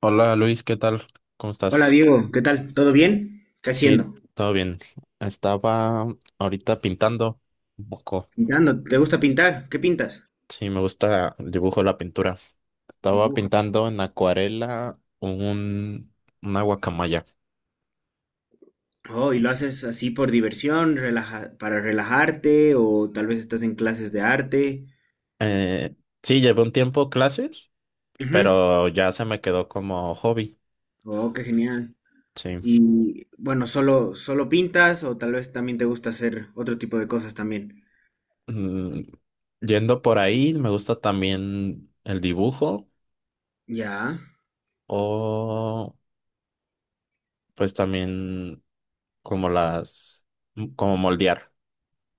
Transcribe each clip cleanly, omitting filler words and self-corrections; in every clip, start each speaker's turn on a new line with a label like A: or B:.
A: Hola Luis, ¿qué tal? ¿Cómo
B: Hola
A: estás?
B: Diego, ¿qué tal? ¿Todo bien? ¿Qué
A: Sí,
B: haciendo?
A: todo bien. Estaba ahorita pintando un poco.
B: Pintando. ¿Te gusta pintar? ¿Qué pintas?
A: Sí, me gusta el dibujo, la pintura. Estaba
B: Dibujo.
A: pintando en acuarela una guacamaya.
B: Oh, ¿y lo haces así por diversión, para relajarte o tal vez estás en clases de arte?
A: Eh, sí, llevé un tiempo clases,
B: Ujú.
A: pero ya se me quedó como hobby.
B: Oh, qué genial.
A: Sí.
B: Y bueno, solo pintas o tal vez también te gusta hacer otro tipo de cosas también.
A: Mm, Yendo por ahí, me gusta también el dibujo
B: Ya,
A: o pues también como las, como moldear.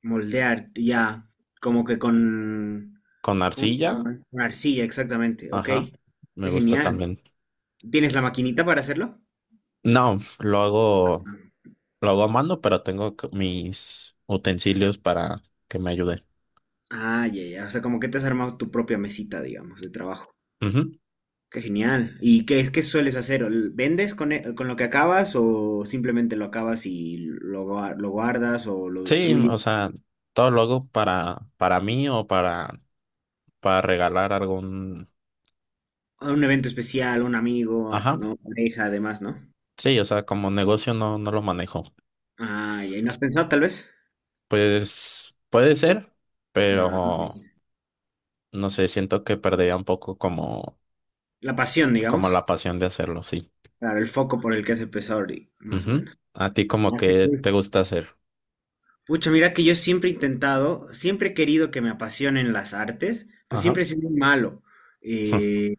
B: moldear, ya, como que con
A: Con
B: ¿cómo se
A: arcilla,
B: llama? Con arcilla, exactamente. Ok.
A: ajá, me
B: Qué
A: gusta
B: genial.
A: también.
B: ¿Tienes la maquinita para hacerlo?
A: No, lo hago a mano, pero tengo mis utensilios para que me ayude.
B: Ah, ya, ya. O sea, como que te has armado tu propia mesita, digamos, de trabajo.
A: Ujú.
B: Qué genial. ¿Y qué sueles hacer? ¿Vendes con lo que acabas o simplemente lo acabas y lo guardas o lo
A: Sí,
B: destruyes?
A: o sea, todo lo hago para mí o para regalar algún,
B: ¿A un evento especial, un amigo,
A: ajá,
B: no, pareja, además, ¿no?
A: sí, o sea, como negocio no lo manejo.
B: Ah, ya. ¿Y no has pensado tal vez?
A: Pues puede ser,
B: Ah,
A: pero
B: ok.
A: no sé, siento que perdería un poco como,
B: La pasión,
A: como
B: digamos.
A: la pasión de hacerlo, sí.
B: Claro, el foco por el que has empezado, ahorita, más o
A: Ujú.
B: menos.
A: A ti como
B: Ah, qué
A: que
B: cool.
A: te gusta hacer,
B: Pucha, mira que yo siempre he intentado, siempre he querido que me apasionen las artes, pero
A: ajá.
B: siempre he sido muy malo. Eh,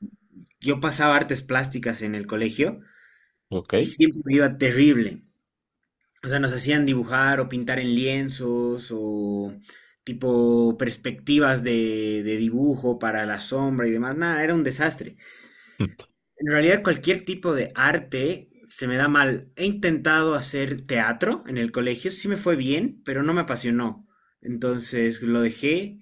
B: Yo pasaba artes plásticas en el colegio
A: Ok.
B: y siempre me iba terrible. O sea, nos hacían dibujar o pintar en lienzos o tipo perspectivas de dibujo para la sombra y demás. Nada, era un desastre.
A: Mm.
B: En realidad cualquier tipo de arte se me da mal. He intentado hacer teatro en el colegio, sí me fue bien, pero no me apasionó. Entonces lo dejé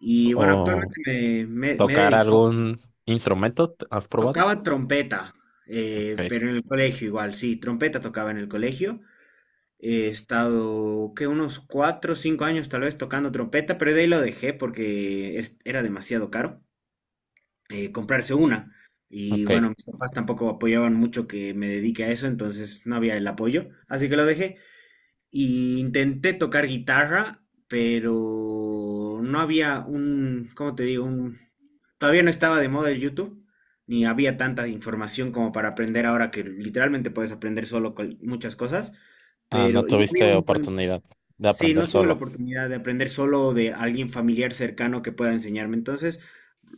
B: y bueno,
A: ¿O
B: actualmente me he
A: tocar
B: dedicado.
A: algún instrumento? ¿Has probado?
B: Tocaba trompeta,
A: Ok.
B: pero en el colegio igual, sí, trompeta tocaba en el colegio. He estado, que unos cuatro o cinco años tal vez tocando trompeta, pero de ahí lo dejé porque era demasiado caro comprarse una. Y
A: Ok.
B: bueno, mis papás tampoco apoyaban mucho que me dedique a eso, entonces no había el apoyo, así que lo dejé. Y intenté tocar guitarra, pero no había un, ¿cómo te digo? Un, todavía no estaba de moda el YouTube, ni había tanta información como para aprender ahora que literalmente puedes aprender solo con muchas cosas,
A: Ah, no
B: pero y no había
A: tuviste
B: un buen...
A: oportunidad de
B: Sí,
A: aprender
B: no tuve la
A: solo.
B: oportunidad de aprender solo de alguien familiar cercano que pueda enseñarme, entonces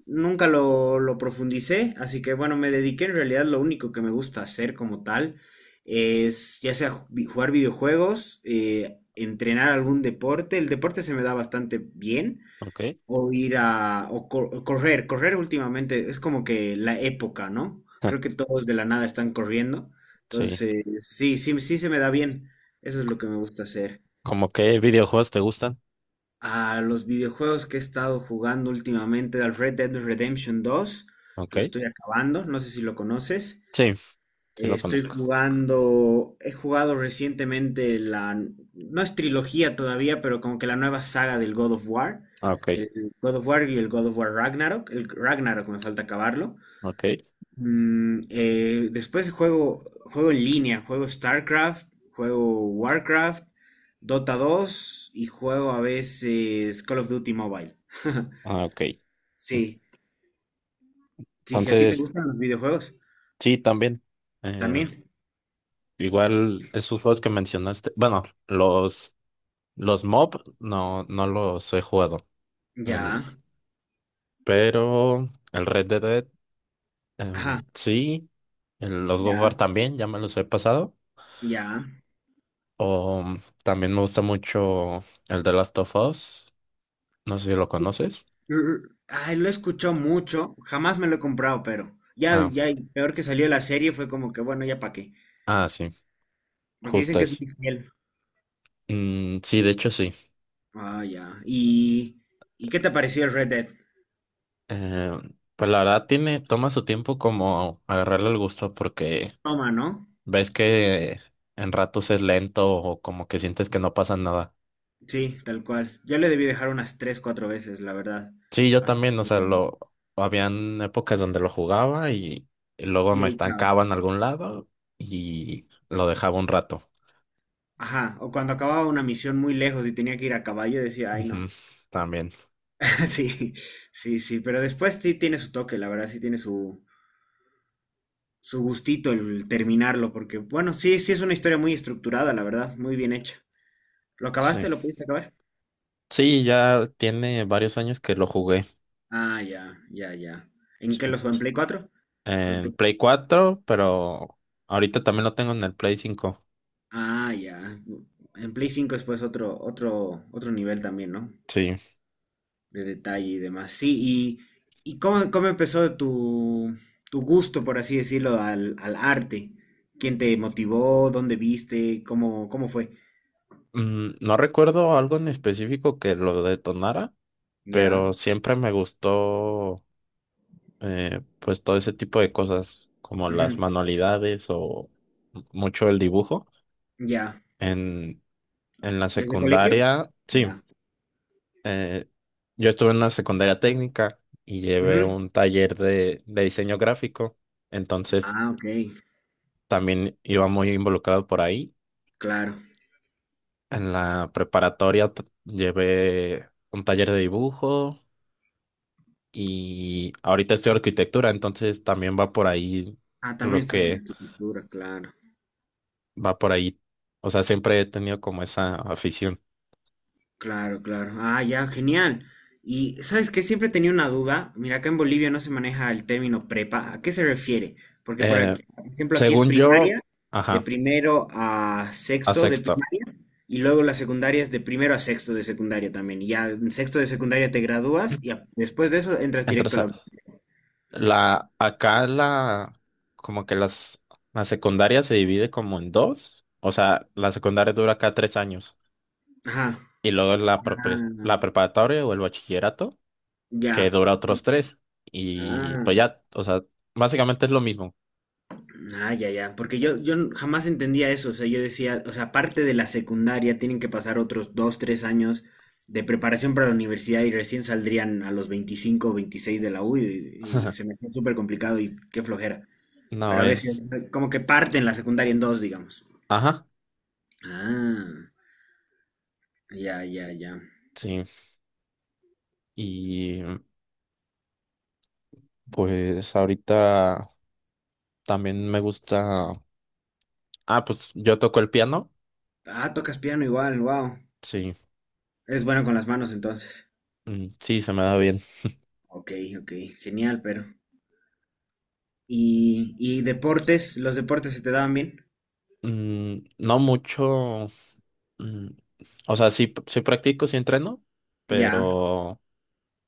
B: nunca lo profundicé, así que bueno, me dediqué en realidad lo único que me gusta hacer como tal es ya sea jugar videojuegos, entrenar algún deporte, el deporte se me da bastante bien,
A: Ok.
B: o ir a, o cor- o correr. Correr últimamente es como que la época, ¿no? Creo que todos de la nada están corriendo,
A: Sí.
B: entonces sí, sí, sí se me da bien, eso es lo que me gusta hacer.
A: ¿Cómo qué videojuegos te gustan?
B: A los videojuegos que he estado jugando últimamente, al Red Dead Redemption dos
A: Ok.
B: lo estoy acabando, no sé si lo conoces.
A: Sí, sí lo
B: Estoy
A: conozco.
B: jugando, he jugado recientemente no es trilogía todavía, pero como que la nueva saga del God of War,
A: Ah, ok.
B: del God of War y el God of War Ragnarok, el Ragnarok me falta acabarlo.
A: Ok.
B: Después juego en línea, juego StarCraft, juego Warcraft, Dota dos y juego a veces Call of Duty Mobile.
A: Ah, ok.
B: Sí, sí, si a ti te
A: Entonces,
B: gustan los videojuegos,
A: sí, también. Eh,
B: también.
A: Igual esos juegos que mencionaste. Bueno, los MOB no los he jugado. El-
B: Ya,
A: pero el Red Dead.
B: ajá,
A: Sí, los God of War
B: ya,
A: también, ya me los he pasado.
B: ya.
A: O también me gusta mucho el de Last of Us. No sé si lo conoces.
B: Ay, lo escuchó mucho, jamás me lo he comprado, pero ya,
A: Ah,
B: ya, y peor que salió la serie fue como que, bueno, ya para qué.
A: ah, sí,
B: Porque dicen
A: justo
B: que es
A: es.
B: muy fiel.
A: Mm, sí, de hecho sí.
B: Ah, ya. Y qué te pareció el Red Dead?
A: Pues la verdad tiene, toma su tiempo como agarrarle el gusto porque
B: Toma, ¿no?
A: ves que en ratos es lento o como que sientes que no pasa nada.
B: Sí, tal cual. Yo le debí dejar unas tres, cuatro veces, la verdad.
A: Sí, yo
B: Hasta
A: también, o sea,
B: que...
A: lo habían épocas donde lo jugaba y luego
B: Y de
A: me
B: ahí, chao.
A: estancaba en algún lado y lo dejaba un rato.
B: Ajá, o cuando acababa una misión muy lejos y tenía que ir a caballo, decía, ay,
A: Ujú,
B: no.
A: también.
B: Sí, sí, sí, pero después sí tiene su toque, la verdad, sí tiene su gustito el terminarlo, porque bueno, sí, sí es una historia muy estructurada, la verdad, muy bien hecha. ¿Lo
A: Sí.
B: acabaste? ¿Lo pudiste acabar?
A: Sí, ya tiene varios años que lo jugué.
B: Ah, ya, ya, ya. ¿En
A: Sí,
B: qué lo jugó? ¿En Play cuatro o en
A: en
B: Play...
A: Play 4, pero ahorita también lo tengo en el Play cinco.
B: Ah, ya. En Play 5 es pues otro, otro nivel también, ¿no?
A: Sí.
B: De detalle y demás. Sí, y cómo empezó tu gusto, por así decirlo, al arte. ¿Quién te motivó? ¿Dónde viste? ¿Cómo, cómo fue?
A: No recuerdo algo en específico que lo detonara,
B: Ya.
A: pero siempre me gustó, pues todo ese tipo de cosas como las
B: Ujú,
A: manualidades o mucho el dibujo.
B: ya.
A: En, en la
B: ¿Desde colegio?
A: secundaria, sí,
B: Ya.
A: eh, yo estuve en una secundaria técnica y llevé un taller de diseño gráfico, entonces
B: Ah, ok,
A: también iba muy involucrado por ahí.
B: claro.
A: En la preparatoria llevé un taller de dibujo y ahorita estoy arquitectura, entonces también va por ahí
B: Ah, también
A: lo
B: estás en
A: que
B: arquitectura, claro,
A: va por ahí. O sea, siempre he tenido como esa afición.
B: claro, claro. Ah, ya, genial. Y sabes que siempre tenía una duda. Mira, acá en Bolivia no se maneja el término prepa. ¿A qué se refiere? Porque por
A: Eh,
B: aquí, por ejemplo, aquí es
A: Según yo,
B: primaria, de
A: ajá,
B: primero a
A: a
B: sexto de
A: sexto.
B: primaria, y luego la secundaria es de primero a sexto de secundaria también. Y ya en sexto de secundaria te gradúas y después de eso entras
A: Entre
B: directo a la
A: esa-
B: uni.
A: la, acá la, como que las, La secundaria se divide como en dos. O sea, la secundaria dura acá tres años.
B: Ajá.
A: Y luego la, prepre-
B: Ah,
A: la preparatoria o el bachillerato, que
B: ya.
A: dura otros tres. Y
B: Ah.
A: pues ya, o sea, básicamente es lo mismo.
B: Ah, ya, ya. Porque jamás entendía eso. O sea, yo decía, o sea, aparte de la secundaria, tienen que pasar otros dos, tres años de preparación para la universidad y recién saldrían a los 25 o 26 de la U y se me hacía súper complicado y qué flojera.
A: No
B: Pero a
A: es,
B: veces, como que parten la secundaria en dos, digamos.
A: ajá,
B: Ah, ya, ya, ya.
A: sí. Y pues ahorita. También me gusta. Ah, pues yo toco el piano.
B: Ah, tocas piano igual, wow.
A: Sí,
B: Eres bueno con las manos entonces.
A: mm, sí, se me da bien.
B: Ok, ok, genial, pero. Y deportes? ¿Los deportes se te daban bien?
A: Mm, no mucho. Mm, o sea, sí, sí practico, sí entreno,
B: Ya,
A: pero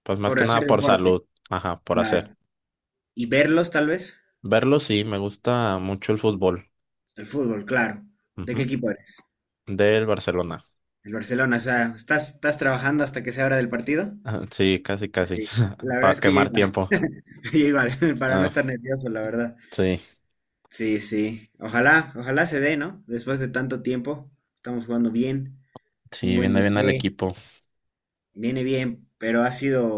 A: pues más
B: por
A: que
B: hacer
A: nada por
B: deporte.
A: salud. Ajá, por hacer.
B: Claro. ¿Y verlos tal vez?
A: Verlo, sí, me gusta mucho el fútbol.
B: El fútbol, claro. ¿De qué
A: Ujú.
B: equipo eres?
A: Del Barcelona.
B: El Barcelona, o sea, ¿estás, estás trabajando hasta que se abra del partido?
A: Ah, sí, casi, casi.
B: Sí. La verdad
A: Para
B: es que yo
A: quemar
B: igual,
A: tiempo.
B: yo igual, para no
A: Ah,
B: estar nervioso, la verdad.
A: sí,
B: Sí, sí. Ojalá, ojalá se dé, ¿no? Después de tanto tiempo, estamos jugando bien, un
A: sí,
B: buen
A: viene bien al
B: DT,
A: equipo.
B: viene bien, pero ha sido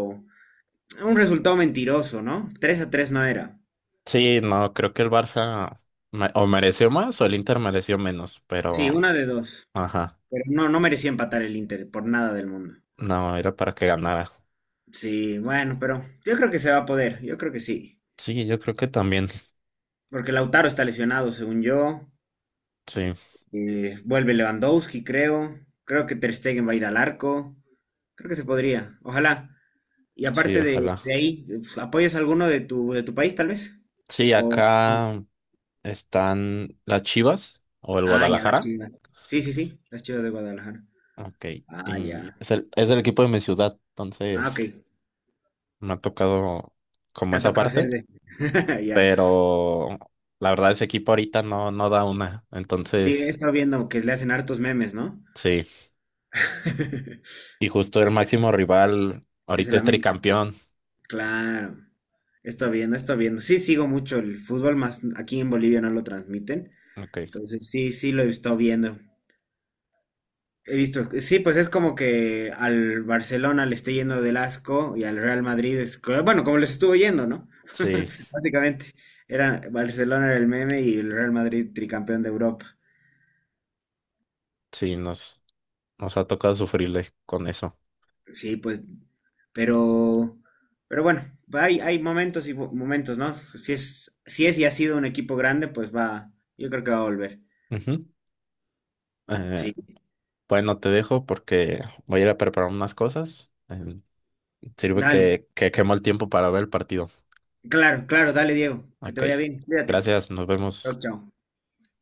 B: un resultado mentiroso, ¿no? 3 a 3 no era.
A: Sí, no, creo que el Barça o mereció más o el Inter mereció menos,
B: Sí,
A: pero.
B: una de dos.
A: Ajá.
B: Pero no, no merecía empatar el Inter por nada del mundo.
A: No, era para que ganara.
B: Sí, bueno, pero yo creo que se va a poder, yo creo que sí.
A: Sí, yo creo que también.
B: Porque Lautaro está lesionado, según yo.
A: Sí,
B: Vuelve Lewandowski, creo. Creo que Ter Stegen va a ir al arco. Creo que se podría, ojalá. Y
A: sí,
B: aparte
A: ojalá.
B: de ahí, pues, ¿apoyas a alguno de de tu país, tal vez?
A: Sí,
B: O...
A: acá están las Chivas o el
B: Ah, ya, las
A: Guadalajara.
B: chivas. Sí, sí, sí, las chivas de Guadalajara.
A: Ok.
B: Ah,
A: Y
B: ya.
A: es el equipo de mi ciudad,
B: Ah, ok.
A: entonces me ha tocado
B: Te
A: como
B: ha
A: esa
B: tocado hacer
A: parte,
B: de... Ya.
A: pero la verdad ese equipo ahorita no da una.
B: Sí, he
A: Entonces,
B: estado viendo que le hacen hartos memes, ¿no?
A: sí. Y justo el máximo rival
B: Que se
A: ahorita
B: la
A: es tricampeón.
B: claro, está viendo, está viendo. Sí, sigo mucho el fútbol, más aquí en Bolivia no lo transmiten.
A: Ok.
B: Entonces, sí, sí lo he estado viendo. He visto, sí, pues es como que al Barcelona le esté yendo del asco y al Real Madrid es, bueno, como les estuvo yendo, ¿no?
A: Sí,
B: Básicamente, era Barcelona era el meme y el Real Madrid tricampeón de Europa.
A: sí, nos ha tocado sufrirle con eso.
B: Sí, pues, pero, pero bueno, hay momentos, ¿no? Si es y ha sido un equipo grande, pues va, yo creo que va a volver.
A: Ujú. Eh,
B: Sí,
A: Bueno, te dejo porque voy a ir a preparar unas cosas. Sirve
B: dale.
A: que quemo el tiempo para ver el partido.
B: Claro, claro, dale, Diego, que te
A: Ok.
B: vaya bien, cuídate.
A: Gracias, nos
B: Chao,
A: vemos.
B: chao.